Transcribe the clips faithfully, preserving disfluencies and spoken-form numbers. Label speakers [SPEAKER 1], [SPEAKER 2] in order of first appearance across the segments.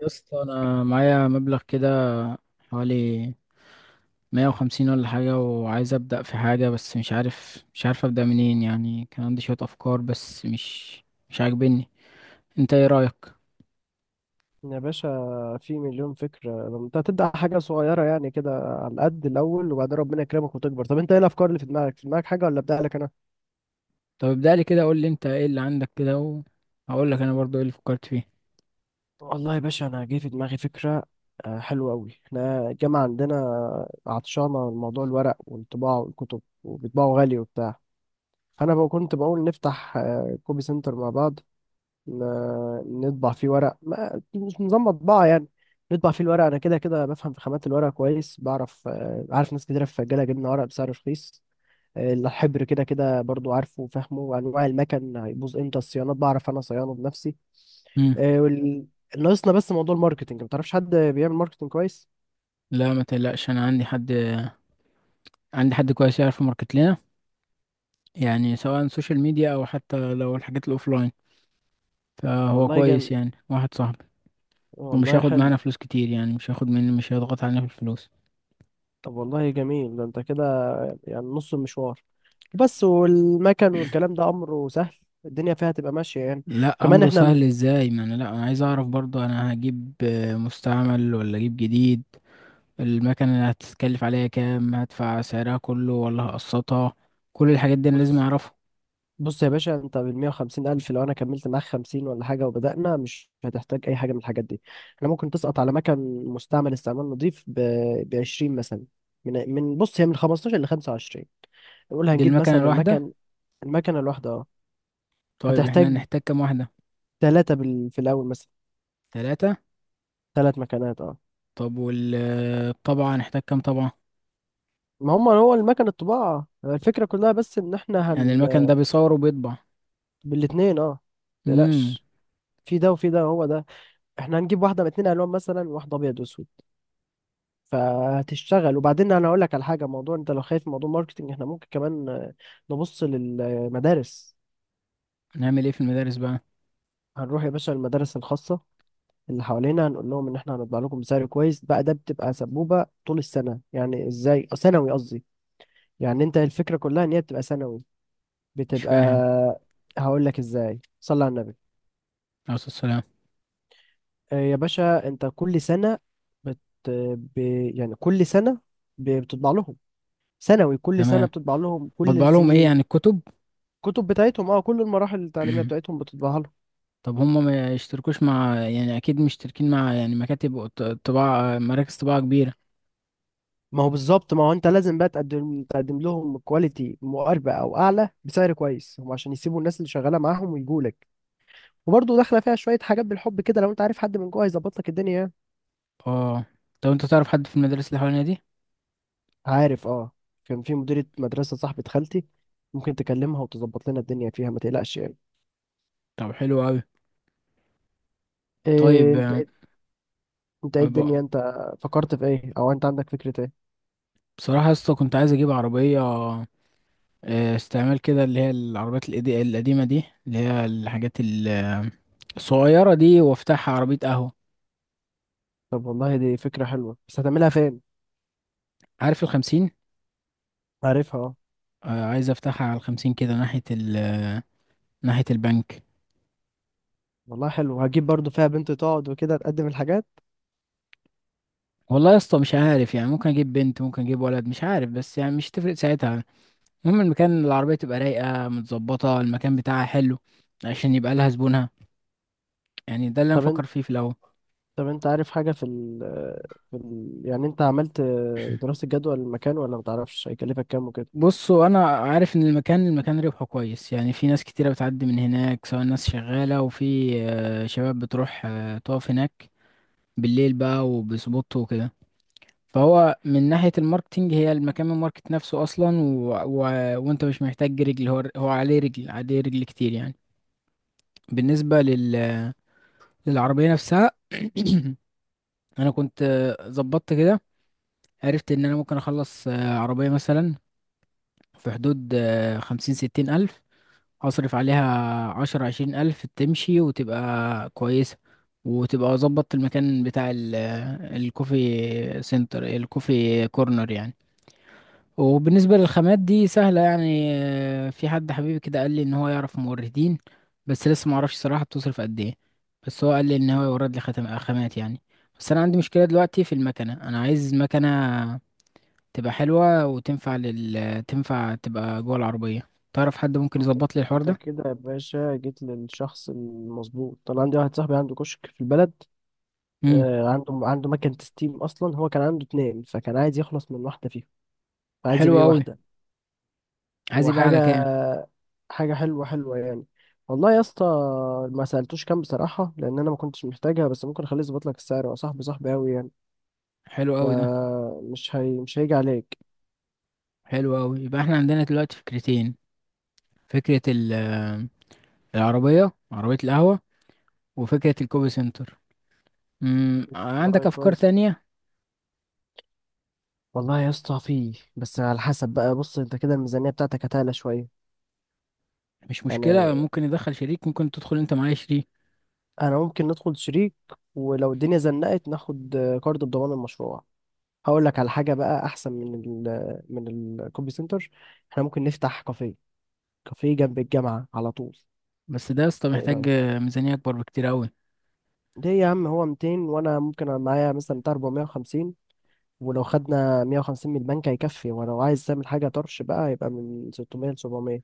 [SPEAKER 1] يا اسطى انا معايا مبلغ كده، حوالي مية وخمسين ولا حاجة، وعايز ابدأ في حاجة بس مش عارف مش عارف ابدأ منين. يعني كان عندي شوية افكار بس مش مش عاجبني. انت ايه رأيك؟
[SPEAKER 2] يا باشا، في مليون فكرة. لما انت هتبدأ حاجة صغيرة يعني كده على قد الأول، وبعدين ربنا يكرمك وتكبر. طب انت ايه الأفكار اللي في دماغك؟ في دماغك حاجة ولا أبدأ لك أنا؟
[SPEAKER 1] طب ابدأ لي كده، قول لي انت ايه اللي عندك كده، وهقول لك انا برضو ايه اللي فكرت فيه.
[SPEAKER 2] والله يا باشا أنا جه في دماغي فكرة آه، حلوة أوي. احنا الجامعة عندنا عطشانة من موضوع الورق والطباعة والكتب، وبيطبعوا غالي وبتاع. فأنا بقى كنت بقول نفتح آه، كوبي سنتر مع بعض، ن- نطبع فيه ورق، ما مش نظام مطبعة يعني. نطبع فيه الورق، أنا كده كده بفهم في خامات الورق كويس، بعرف آه، عارف ناس كتيرة في الجالة جبنا ورق بسعر رخيص. آه، الحبر كده كده برضو عارفه وفاهمه، وأنواع المكن هيبوظ إمتى، الصيانات بعرف أنا صيانه بنفسي.
[SPEAKER 1] امم.
[SPEAKER 2] آه، وال... ناقصنا بس موضوع الماركتينج. ما تعرفش حد بيعمل ماركتينج كويس؟
[SPEAKER 1] لا ما تقلقش، انا عندي حد، عندي حد كويس يعرف ماركت لنا. يعني سواء سوشيال ميديا او حتى لو الحاجات الاوفلاين، فهو
[SPEAKER 2] والله
[SPEAKER 1] كويس
[SPEAKER 2] جامد،
[SPEAKER 1] يعني، واحد صاحبي. ومش
[SPEAKER 2] والله
[SPEAKER 1] هياخد معانا
[SPEAKER 2] حلو.
[SPEAKER 1] فلوس كتير، يعني مش هياخد مني، مش هيضغط علينا في الفلوس.
[SPEAKER 2] طب والله جميل، ده أنت كده يعني نص المشوار. بس والمكن والكلام ده أمره سهل، الدنيا فيها تبقى ماشية يعني.
[SPEAKER 1] لا
[SPEAKER 2] وكمان
[SPEAKER 1] امره
[SPEAKER 2] احنا،
[SPEAKER 1] سهل ازاي؟ ما انا، لا، انا عايز اعرف برضو انا هجيب آه، مستعمل ولا اجيب جديد. المكنه اللي هتتكلف عليا كام؟ هدفع سعرها كله ولا هقسطها؟ كل الحاجات دي انا لازم
[SPEAKER 2] بص
[SPEAKER 1] اعرفها.
[SPEAKER 2] بص يا باشا، انت بال مئة وخمسين الف، لو انا كملت معاك خمسين ولا حاجه وبدانا، مش هتحتاج اي حاجه من الحاجات دي. احنا ممكن تسقط على مكن مستعمل استعمال نظيف ب عشرين مثلا. من من بص، هي من خمستاشر ل خمسة وعشرين. نقول
[SPEAKER 1] دي
[SPEAKER 2] هنجيب
[SPEAKER 1] المكنه
[SPEAKER 2] مثلا
[SPEAKER 1] الواحده؟
[SPEAKER 2] المكن، المكنه الواحده اه.
[SPEAKER 1] طيب احنا
[SPEAKER 2] هتحتاج
[SPEAKER 1] هنحتاج كام واحده؟
[SPEAKER 2] ثلاثه بال... في الاول مثلا
[SPEAKER 1] ثلاثة.
[SPEAKER 2] ثلاث مكنات اه.
[SPEAKER 1] طب والطبعة هنحتاج كام طبعة؟
[SPEAKER 2] ما هم، هو المكن الطباعه آه، الفكره كلها، بس ان احنا
[SPEAKER 1] يعني المكن
[SPEAKER 2] هن
[SPEAKER 1] ده بيصور وبيطبع؟
[SPEAKER 2] بالاثنين اه.
[SPEAKER 1] امم.
[SPEAKER 2] متقلقش، في ده وفي ده، هو ده. احنا هنجيب واحده باتنين الوان، مثلا واحده ابيض واسود، فهتشتغل. وبعدين انا اقول لك على حاجه. موضوع انت لو خايف من موضوع الماركتنج، احنا ممكن كمان آه، نبص للمدارس.
[SPEAKER 1] نعمل ايه في المدارس بقى؟
[SPEAKER 2] هنروح يا باشا المدارس الخاصه اللي حوالينا، هنقول لهم ان احنا هنطبع لكم بسعر كويس. بقى ده بتبقى سبوبه طول السنه يعني. ازاي؟ آه، سنوي قصدي يعني. انت الفكره كلها ان هي بتبقى سنوي،
[SPEAKER 1] مش
[SPEAKER 2] بتبقى.
[SPEAKER 1] فاهم.
[SPEAKER 2] هقول لك ازاي، صلي على النبي.
[SPEAKER 1] عليه الصلاة والسلام.
[SPEAKER 2] آه، يا باشا انت كل سنه، بت... ب... يعني كل سنه ب- بتطبع لهم، سنوي، كل سنه
[SPEAKER 1] تمام.
[SPEAKER 2] بتطبع لهم، كل
[SPEAKER 1] بطبع لهم ايه يعني،
[SPEAKER 2] السنين.
[SPEAKER 1] الكتب؟
[SPEAKER 2] كتب بتاعتهم اه، كل المراحل التعليميه بتاعتهم بتطبعها لهم.
[SPEAKER 1] طب هم ما يشتركوش مع، يعني اكيد مشتركين مع يعني مكاتب وط- طباعة، مراكز طباعة كبيرة.
[SPEAKER 2] ما هو بالظبط. ما هو انت لازم بقى تقدم تقدم لهم كواليتي مقاربه او اعلى بسعر كويس هم، عشان يسيبوا الناس اللي شغاله معاهم ويجوا لك. وبرضه داخله فيها شويه حاجات بالحب كده، لو انت عارف حد من جوه هيظبط لك الدنيا يعني.
[SPEAKER 1] اه. طب انت تعرف حد في المدارس اللي حوالينا دي؟
[SPEAKER 2] عارف اه، كان في مديره مدرسه صاحبه خالتي، ممكن تكلمها وتظبط لنا الدنيا فيها، ما تقلقش يعني.
[SPEAKER 1] طب حلو قوي.
[SPEAKER 2] إيه
[SPEAKER 1] طيب
[SPEAKER 2] انت،
[SPEAKER 1] آه،
[SPEAKER 2] إيه، انت ايه الدنيا؟
[SPEAKER 1] أب-
[SPEAKER 2] انت فكرت في ايه؟ او انت عندك فكره ايه؟
[SPEAKER 1] بصراحة يا اسطى، كنت عايز اجيب عربية آه، استعمال كده، اللي هي العربيات القدي- القديمة دي، اللي هي الحاجات ال- الصغيرة دي، وافتحها عربية قهوة.
[SPEAKER 2] طب والله دي فكره حلوه، بس هتعملها فين؟
[SPEAKER 1] عارف الخمسين؟
[SPEAKER 2] عارفها آه.
[SPEAKER 1] آه، عايز افتحها على الخمسين كده، ناحية ال ناحية البنك.
[SPEAKER 2] والله حلو، هجيب برضو فيها بنت تقعد وكده تقدم الحاجات.
[SPEAKER 1] والله يا اسطى مش عارف، يعني ممكن اجيب بنت، ممكن اجيب ولد، مش عارف، بس يعني مش تفرق ساعتها. المهم المكان، العربية تبقى رايقة متظبطة، المكان بتاعها حلو، عشان يبقى لها زبونها. يعني ده اللي أنا
[SPEAKER 2] طب انت
[SPEAKER 1] مفكر فيه في الأول.
[SPEAKER 2] طب انت عارف حاجة في ال، في ال يعني، انت عملت دراسة جدوى للمكان ولا متعرفش هيكلفك كام وكده؟
[SPEAKER 1] بصوا، أنا عارف إن المكان المكان ربحه كويس. يعني في ناس كتيرة بتعدي من هناك، سواء ناس شغالة، وفي آه، شباب بتروح آه، تقف هناك بالليل بقى وبسبوت وكده. فهو من ناحية الماركتينج هي المكان، من الماركت نفسه أصلا، و... و... وأنت مش محتاج رجل، هو هو عليه رجل، عليه رجل كتير يعني. بالنسبة لل... للعربية نفسها. أنا كنت آه، ظبطت كده، عرفت ان انا ممكن اخلص آه، عربية مثلا في حدود آه، خمسين ستين الف، اصرف عليها عشر عشرين الف، تمشي وتبقى كويسة، وتبقى ظبطت المكان بتاع ال- آه، الكوفي سنتر، الكوفي كورنر يعني. وبالنسبة للخامات دي سهلة يعني. آه، في حد حبيبي كده قال لي ان هو يعرف موردين، بس لسه معرفش صراحة بتصرف قد ايه. بس هو قال لي ان هو يورد لي خاتم آه، خامات يعني. بس انا عندي مشكلة دلوقتي في المكنة، انا عايز مكنة تبقى حلوة وتنفع لل تنفع تبقى جوه العربية. تعرف حد ممكن
[SPEAKER 2] انت
[SPEAKER 1] يظبط لي الحوار
[SPEAKER 2] انت
[SPEAKER 1] ده؟
[SPEAKER 2] كده يا باشا جيت للشخص المظبوط. طبعا عندي واحد صاحبي عنده كشك في البلد،
[SPEAKER 1] امم.
[SPEAKER 2] آه، عنده عنده مكنة ستيم. اصلا هو كان عنده اتنين، فكان عايز يخلص من واحدة فيهم، عايز
[SPEAKER 1] حلو
[SPEAKER 2] يبيع
[SPEAKER 1] قوي.
[SPEAKER 2] واحدة.
[SPEAKER 1] عايز يبقى
[SPEAKER 2] وحاجة
[SPEAKER 1] على كام؟
[SPEAKER 2] حاجة حلوة حلوة يعني. والله يا اسطى ما سألتوش كام بصراحة، لأن أنا ما كنتش محتاجها، بس ممكن أخليه يظبط لك السعر، هو صاحبي صاحبي أوي يعني،
[SPEAKER 1] حلو قوي ده.
[SPEAKER 2] فمش هي... مش هيجي عليك.
[SPEAKER 1] حلو قوي. يبقى احنا عندنا دلوقتي فكرتين: فكرة ال العربية، عربية القهوة، وفكرة الكوبي سنتر. امم.
[SPEAKER 2] والله
[SPEAKER 1] عندك أفكار
[SPEAKER 2] كويس.
[SPEAKER 1] تانية؟
[SPEAKER 2] والله يا اسطى فيه، بس على حسب بقى. بص أنت كده الميزانية بتاعتك هتعلى شوية
[SPEAKER 1] مش مشكلة،
[SPEAKER 2] يعني.
[SPEAKER 1] ممكن يدخل شريك، ممكن تدخل أنت معايا شريك.
[SPEAKER 2] أنا ممكن ندخل شريك، ولو الدنيا زنقت ناخد كارد بضمان المشروع. هقول لك على حاجة بقى أحسن من ال، من الكوبي سنتر. احنا ممكن نفتح كافيه، كافيه جنب الجامعة على طول.
[SPEAKER 1] بس ده يا اسطى
[SPEAKER 2] ايه
[SPEAKER 1] محتاج
[SPEAKER 2] رأيك؟
[SPEAKER 1] آه، ميزانية أكبر بكتير أوي.
[SPEAKER 2] ليه يا عم، هو ميتين، وانا ممكن أنا معايا مثلا بتاع أربعمئة وخمسين، ولو خدنا مئة وخمسين من البنك هيكفي. ولو عايز تعمل حاجة طرش بقى، يبقى من ستمية ل سبعمية.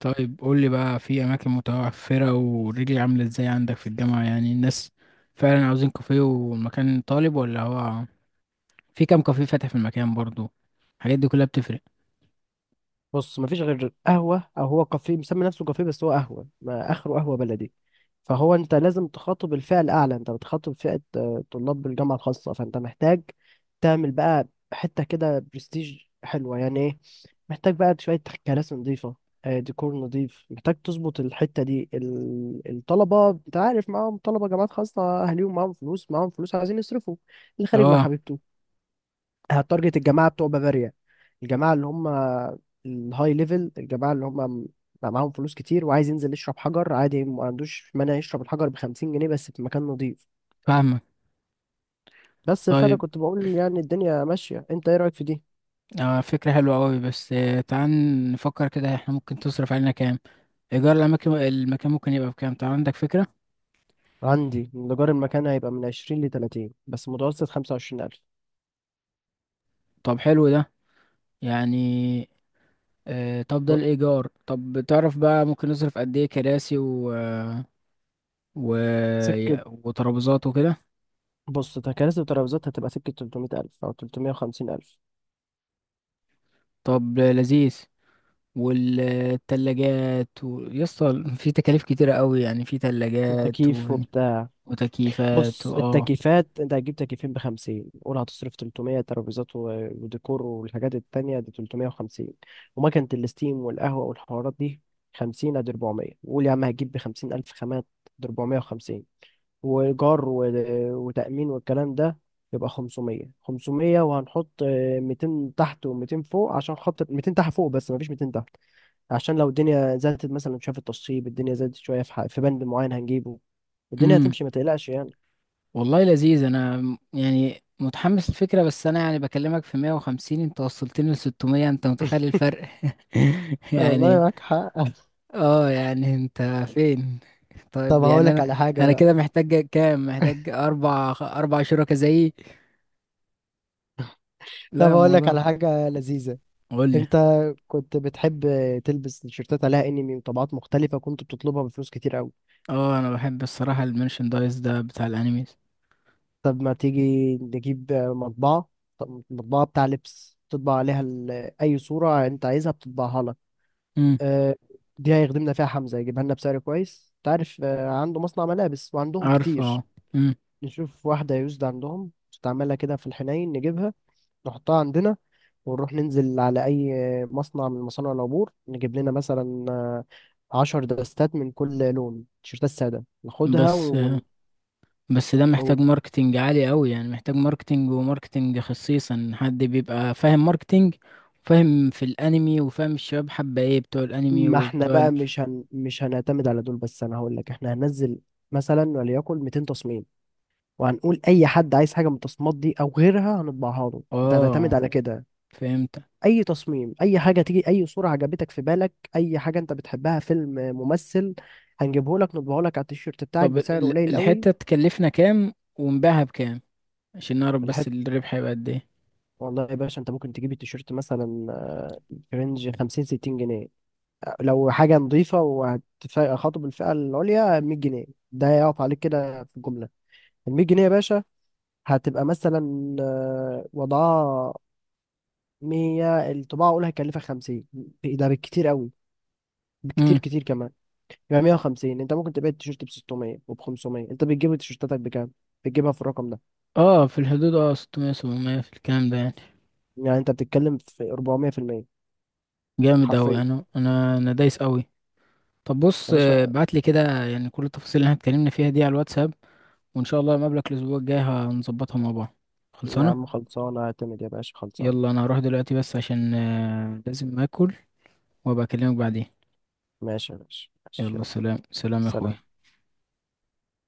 [SPEAKER 1] طيب قول لي بقى في اماكن متوفره، ورجلي عامله ازاي عندك في الجامعه، يعني الناس فعلا عاوزين كافيه والمكان طالب، ولا هو في كام كافيه فاتح في المكان برضو؟ الحاجات دي كلها بتفرق.
[SPEAKER 2] بص، مفيش غير قهوة، او هو كافيه مسمي نفسه كافيه بس هو قهوة، ما اخره قهوة بلدي. فهو انت لازم تخاطب الفئة الاعلى. انت بتخاطب فئة آه، طلاب بالجامعة الخاصة، فانت محتاج تعمل بقى حتة كده برستيج حلوة، يعني إيه؟ محتاج بقى شوية كراسي نظيفة، آه، ديكور نظيف، محتاج تظبط الحتة دي. ال- الطلبة انت عارف، معاهم، طلبة جامعات خاصة أهاليهم معاهم فلوس، معاهم فلوس عايزين يصرفوا، اللي خارج مع
[SPEAKER 1] اه،
[SPEAKER 2] حبيبته. هتارجت الجماعة بتوع بافاريا، الجماعة اللي هم الهاي ليفل، الجماعة اللي هم بقى معاهم فلوس كتير، وعايز ينزل يشرب حجر عادي، ما عندوش مانع يشرب الحجر بخمسين جنيه بس في مكان نظيف.
[SPEAKER 1] فاهمك.
[SPEAKER 2] بس فأنا
[SPEAKER 1] طيب
[SPEAKER 2] كنت بقول يعني الدنيا ماشية. انت ايه رأيك في دي؟
[SPEAKER 1] آه، فكره حلوه قوي. بس آه، تعال نفكر كده، احنا ممكن تصرف علينا كام؟ ايجار الاماكن، المكان ممكن يبقى بكام؟ طب عندك فكره.
[SPEAKER 2] عندي إن إيجار المكان هيبقى من عشرين لتلاتين، بس متوسط خمسة وعشرين ألف.
[SPEAKER 1] طب حلو ده. يعني آه، طب ده الايجار. طب تعرف بقى ممكن نصرف قد ايه كراسي و... و...
[SPEAKER 2] سكة.
[SPEAKER 1] وترابيزات وكده؟
[SPEAKER 2] بص تكاليف الترابيزات هتبقى سكة تلتمية ألف أو تلتمية وخمسين ألف.
[SPEAKER 1] طب لذيذ. والتلاجات و... يسطا في تكاليف كتيرة قوي يعني. في تلاجات و...
[SPEAKER 2] وتكييف وبتاع.
[SPEAKER 1] وتكييفات و...
[SPEAKER 2] بص
[SPEAKER 1] اه.
[SPEAKER 2] التكييفات أنت هتجيب تكييفين بخمسين، قول هتصرف تلتمية ترابيزات و- وديكور والحاجات التانية دي تلتمية وخمسين، ومكنة الستيم والقهوة والحوارات دي خمسين، أدي اربعمية. وقول يا عم هتجيب بخمسين ألف خامات، دي اربعمية وخمسين، وإيجار و- وتأمين والكلام ده، يبقى خمسمية. خمسمية وهنحط آه، ميتين تحت و200 فوق، عشان خاطر ميتين تحت فوق. بس مفيش مئتين تحت، عشان لو الدنيا زادت مثلا، شاف التصيب الدنيا زادت شوية في ح- في بند معين هنجيبه، والدنيا
[SPEAKER 1] امم.
[SPEAKER 2] هتمشي ما تقلقش يعني.
[SPEAKER 1] والله لذيذ، انا م- يعني متحمس الفكرة. بس انا يعني بكلمك في مية وخمسين، انت وصلتني ل ستمية! انت متخيل الفرق؟
[SPEAKER 2] والله
[SPEAKER 1] يعني.
[SPEAKER 2] معاك حق.
[SPEAKER 1] اه يعني انت فين؟
[SPEAKER 2] طب
[SPEAKER 1] طيب
[SPEAKER 2] هقول
[SPEAKER 1] يعني
[SPEAKER 2] لك
[SPEAKER 1] انا،
[SPEAKER 2] على حاجة
[SPEAKER 1] انا
[SPEAKER 2] بقى.
[SPEAKER 1] كده محتاج كام؟ محتاج اربع اربع شركاء زيي.
[SPEAKER 2] طب
[SPEAKER 1] لا،
[SPEAKER 2] هقول لك
[SPEAKER 1] الموضوع.
[SPEAKER 2] على حاجة لذيذة.
[SPEAKER 1] قول لي.
[SPEAKER 2] انت كنت بتحب تلبس تيشيرتات عليها انمي وطبعات مختلفة، كنت بتطلبها بفلوس كتير قوي.
[SPEAKER 1] اه انا بحب الصراحة المرشندايز ده بتاع الانيميز.
[SPEAKER 2] طب ما تيجي نجيب مطبعة، طب مطبعة بتاع لبس تطبع عليها ال- اي صورة انت عايزها بتطبعها لك.
[SPEAKER 1] امم.
[SPEAKER 2] اه، دي هيخدمنا فيها حمزة، يجيبها لنا بسعر كويس، تعرف عنده مصنع ملابس وعندهم
[SPEAKER 1] عارفه. اه.
[SPEAKER 2] كتير.
[SPEAKER 1] امم.
[SPEAKER 2] نشوف واحدة يوزد عندهم نستعملها كده في الحنين، نجيبها نحطها عندنا، ونروح ننزل على أي مصنع من مصانع العبور، نجيب لنا مثلا آه، عشر دستات من كل لون تيشيرتات سادة ناخدها
[SPEAKER 1] بس آه،
[SPEAKER 2] ون...
[SPEAKER 1] بس ده محتاج
[SPEAKER 2] ون-
[SPEAKER 1] ماركتينج عالي قوي. يعني محتاج ماركتينج، وماركتينج خصيصا حد بيبقى فاهم ماركتينج، وفاهم في الانمي، وفاهم الشباب حابة ايه، بتوع الانمي
[SPEAKER 2] ما احنا
[SPEAKER 1] وبتوع ال...
[SPEAKER 2] بقى مش هن... مش هنعتمد على دول بس. أنا هقول لك، احنا هننزل مثلا وليكن ميتين تصميم، وهنقول أي حد عايز حاجة من التصميمات دي أو غيرها هنطبعها له، أنت هتعتمد
[SPEAKER 1] اه،
[SPEAKER 2] على كده.
[SPEAKER 1] فهمت.
[SPEAKER 2] اي تصميم، اي حاجه تيجي، اي صوره عجبتك في بالك، اي حاجه انت بتحبها، فيلم، ممثل، هنجيبه لك نطبعه لك على التيشيرت بتاعك
[SPEAKER 1] طب
[SPEAKER 2] بسعر
[SPEAKER 1] ال-
[SPEAKER 2] قليل قوي.
[SPEAKER 1] الحتة تكلفنا كام ونبيعها بكام؟ عشان نعرف بس
[SPEAKER 2] الحت
[SPEAKER 1] الربح هيبقى قد ايه.
[SPEAKER 2] والله يا باشا انت ممكن تجيب التيشيرت مثلا آه، في رينج خمسين ستين جنيه. لو حاجه نظيفه وهتخاطب الفئه العليا مية جنيه. ده يقف عليك كده في الجمله. ال مية جنيه يا باشا هتبقى مثلا آه، وضعها مية الطباعه اقول هيكلفك خمسين، ده بالكتير قوي، بكتير
[SPEAKER 1] امم.
[SPEAKER 2] كتير كمان. يبقى مية وخمسين. انت ممكن تبيع التيشيرت ب ستمية وب خمسمية. انت بتجيب تيشيرتاتك بكام؟ بتجيبها في الرقم ده.
[SPEAKER 1] اه، في الحدود اه، ستمية، سبعمية في الكلام ده يعني.
[SPEAKER 2] يعني انت بتتكلم في أربعمئة في المئة،
[SPEAKER 1] جامد اوي!
[SPEAKER 2] حرفيا
[SPEAKER 1] انا انا انا دايس اوي. طب بص
[SPEAKER 2] يا
[SPEAKER 1] آه،
[SPEAKER 2] باشا.
[SPEAKER 1] ابعت لي كده يعني كل التفاصيل اللي احنا اتكلمنا فيها دي على الواتساب. وان شاء الله مقابلك الاسبوع الجاي هنظبطها مع بعض.
[SPEAKER 2] يا
[SPEAKER 1] خلصانه.
[SPEAKER 2] عم خلصانه، اعتمد يا باشا، خلصانه.
[SPEAKER 1] يلا انا هروح دلوقتي بس، عشان آه، لازم اكل، وابقى اكلمك بعدين.
[SPEAKER 2] ماشي يا باشا ماشي،
[SPEAKER 1] يلا،
[SPEAKER 2] يلا
[SPEAKER 1] سلام سلام يا اخوي.
[SPEAKER 2] سلام.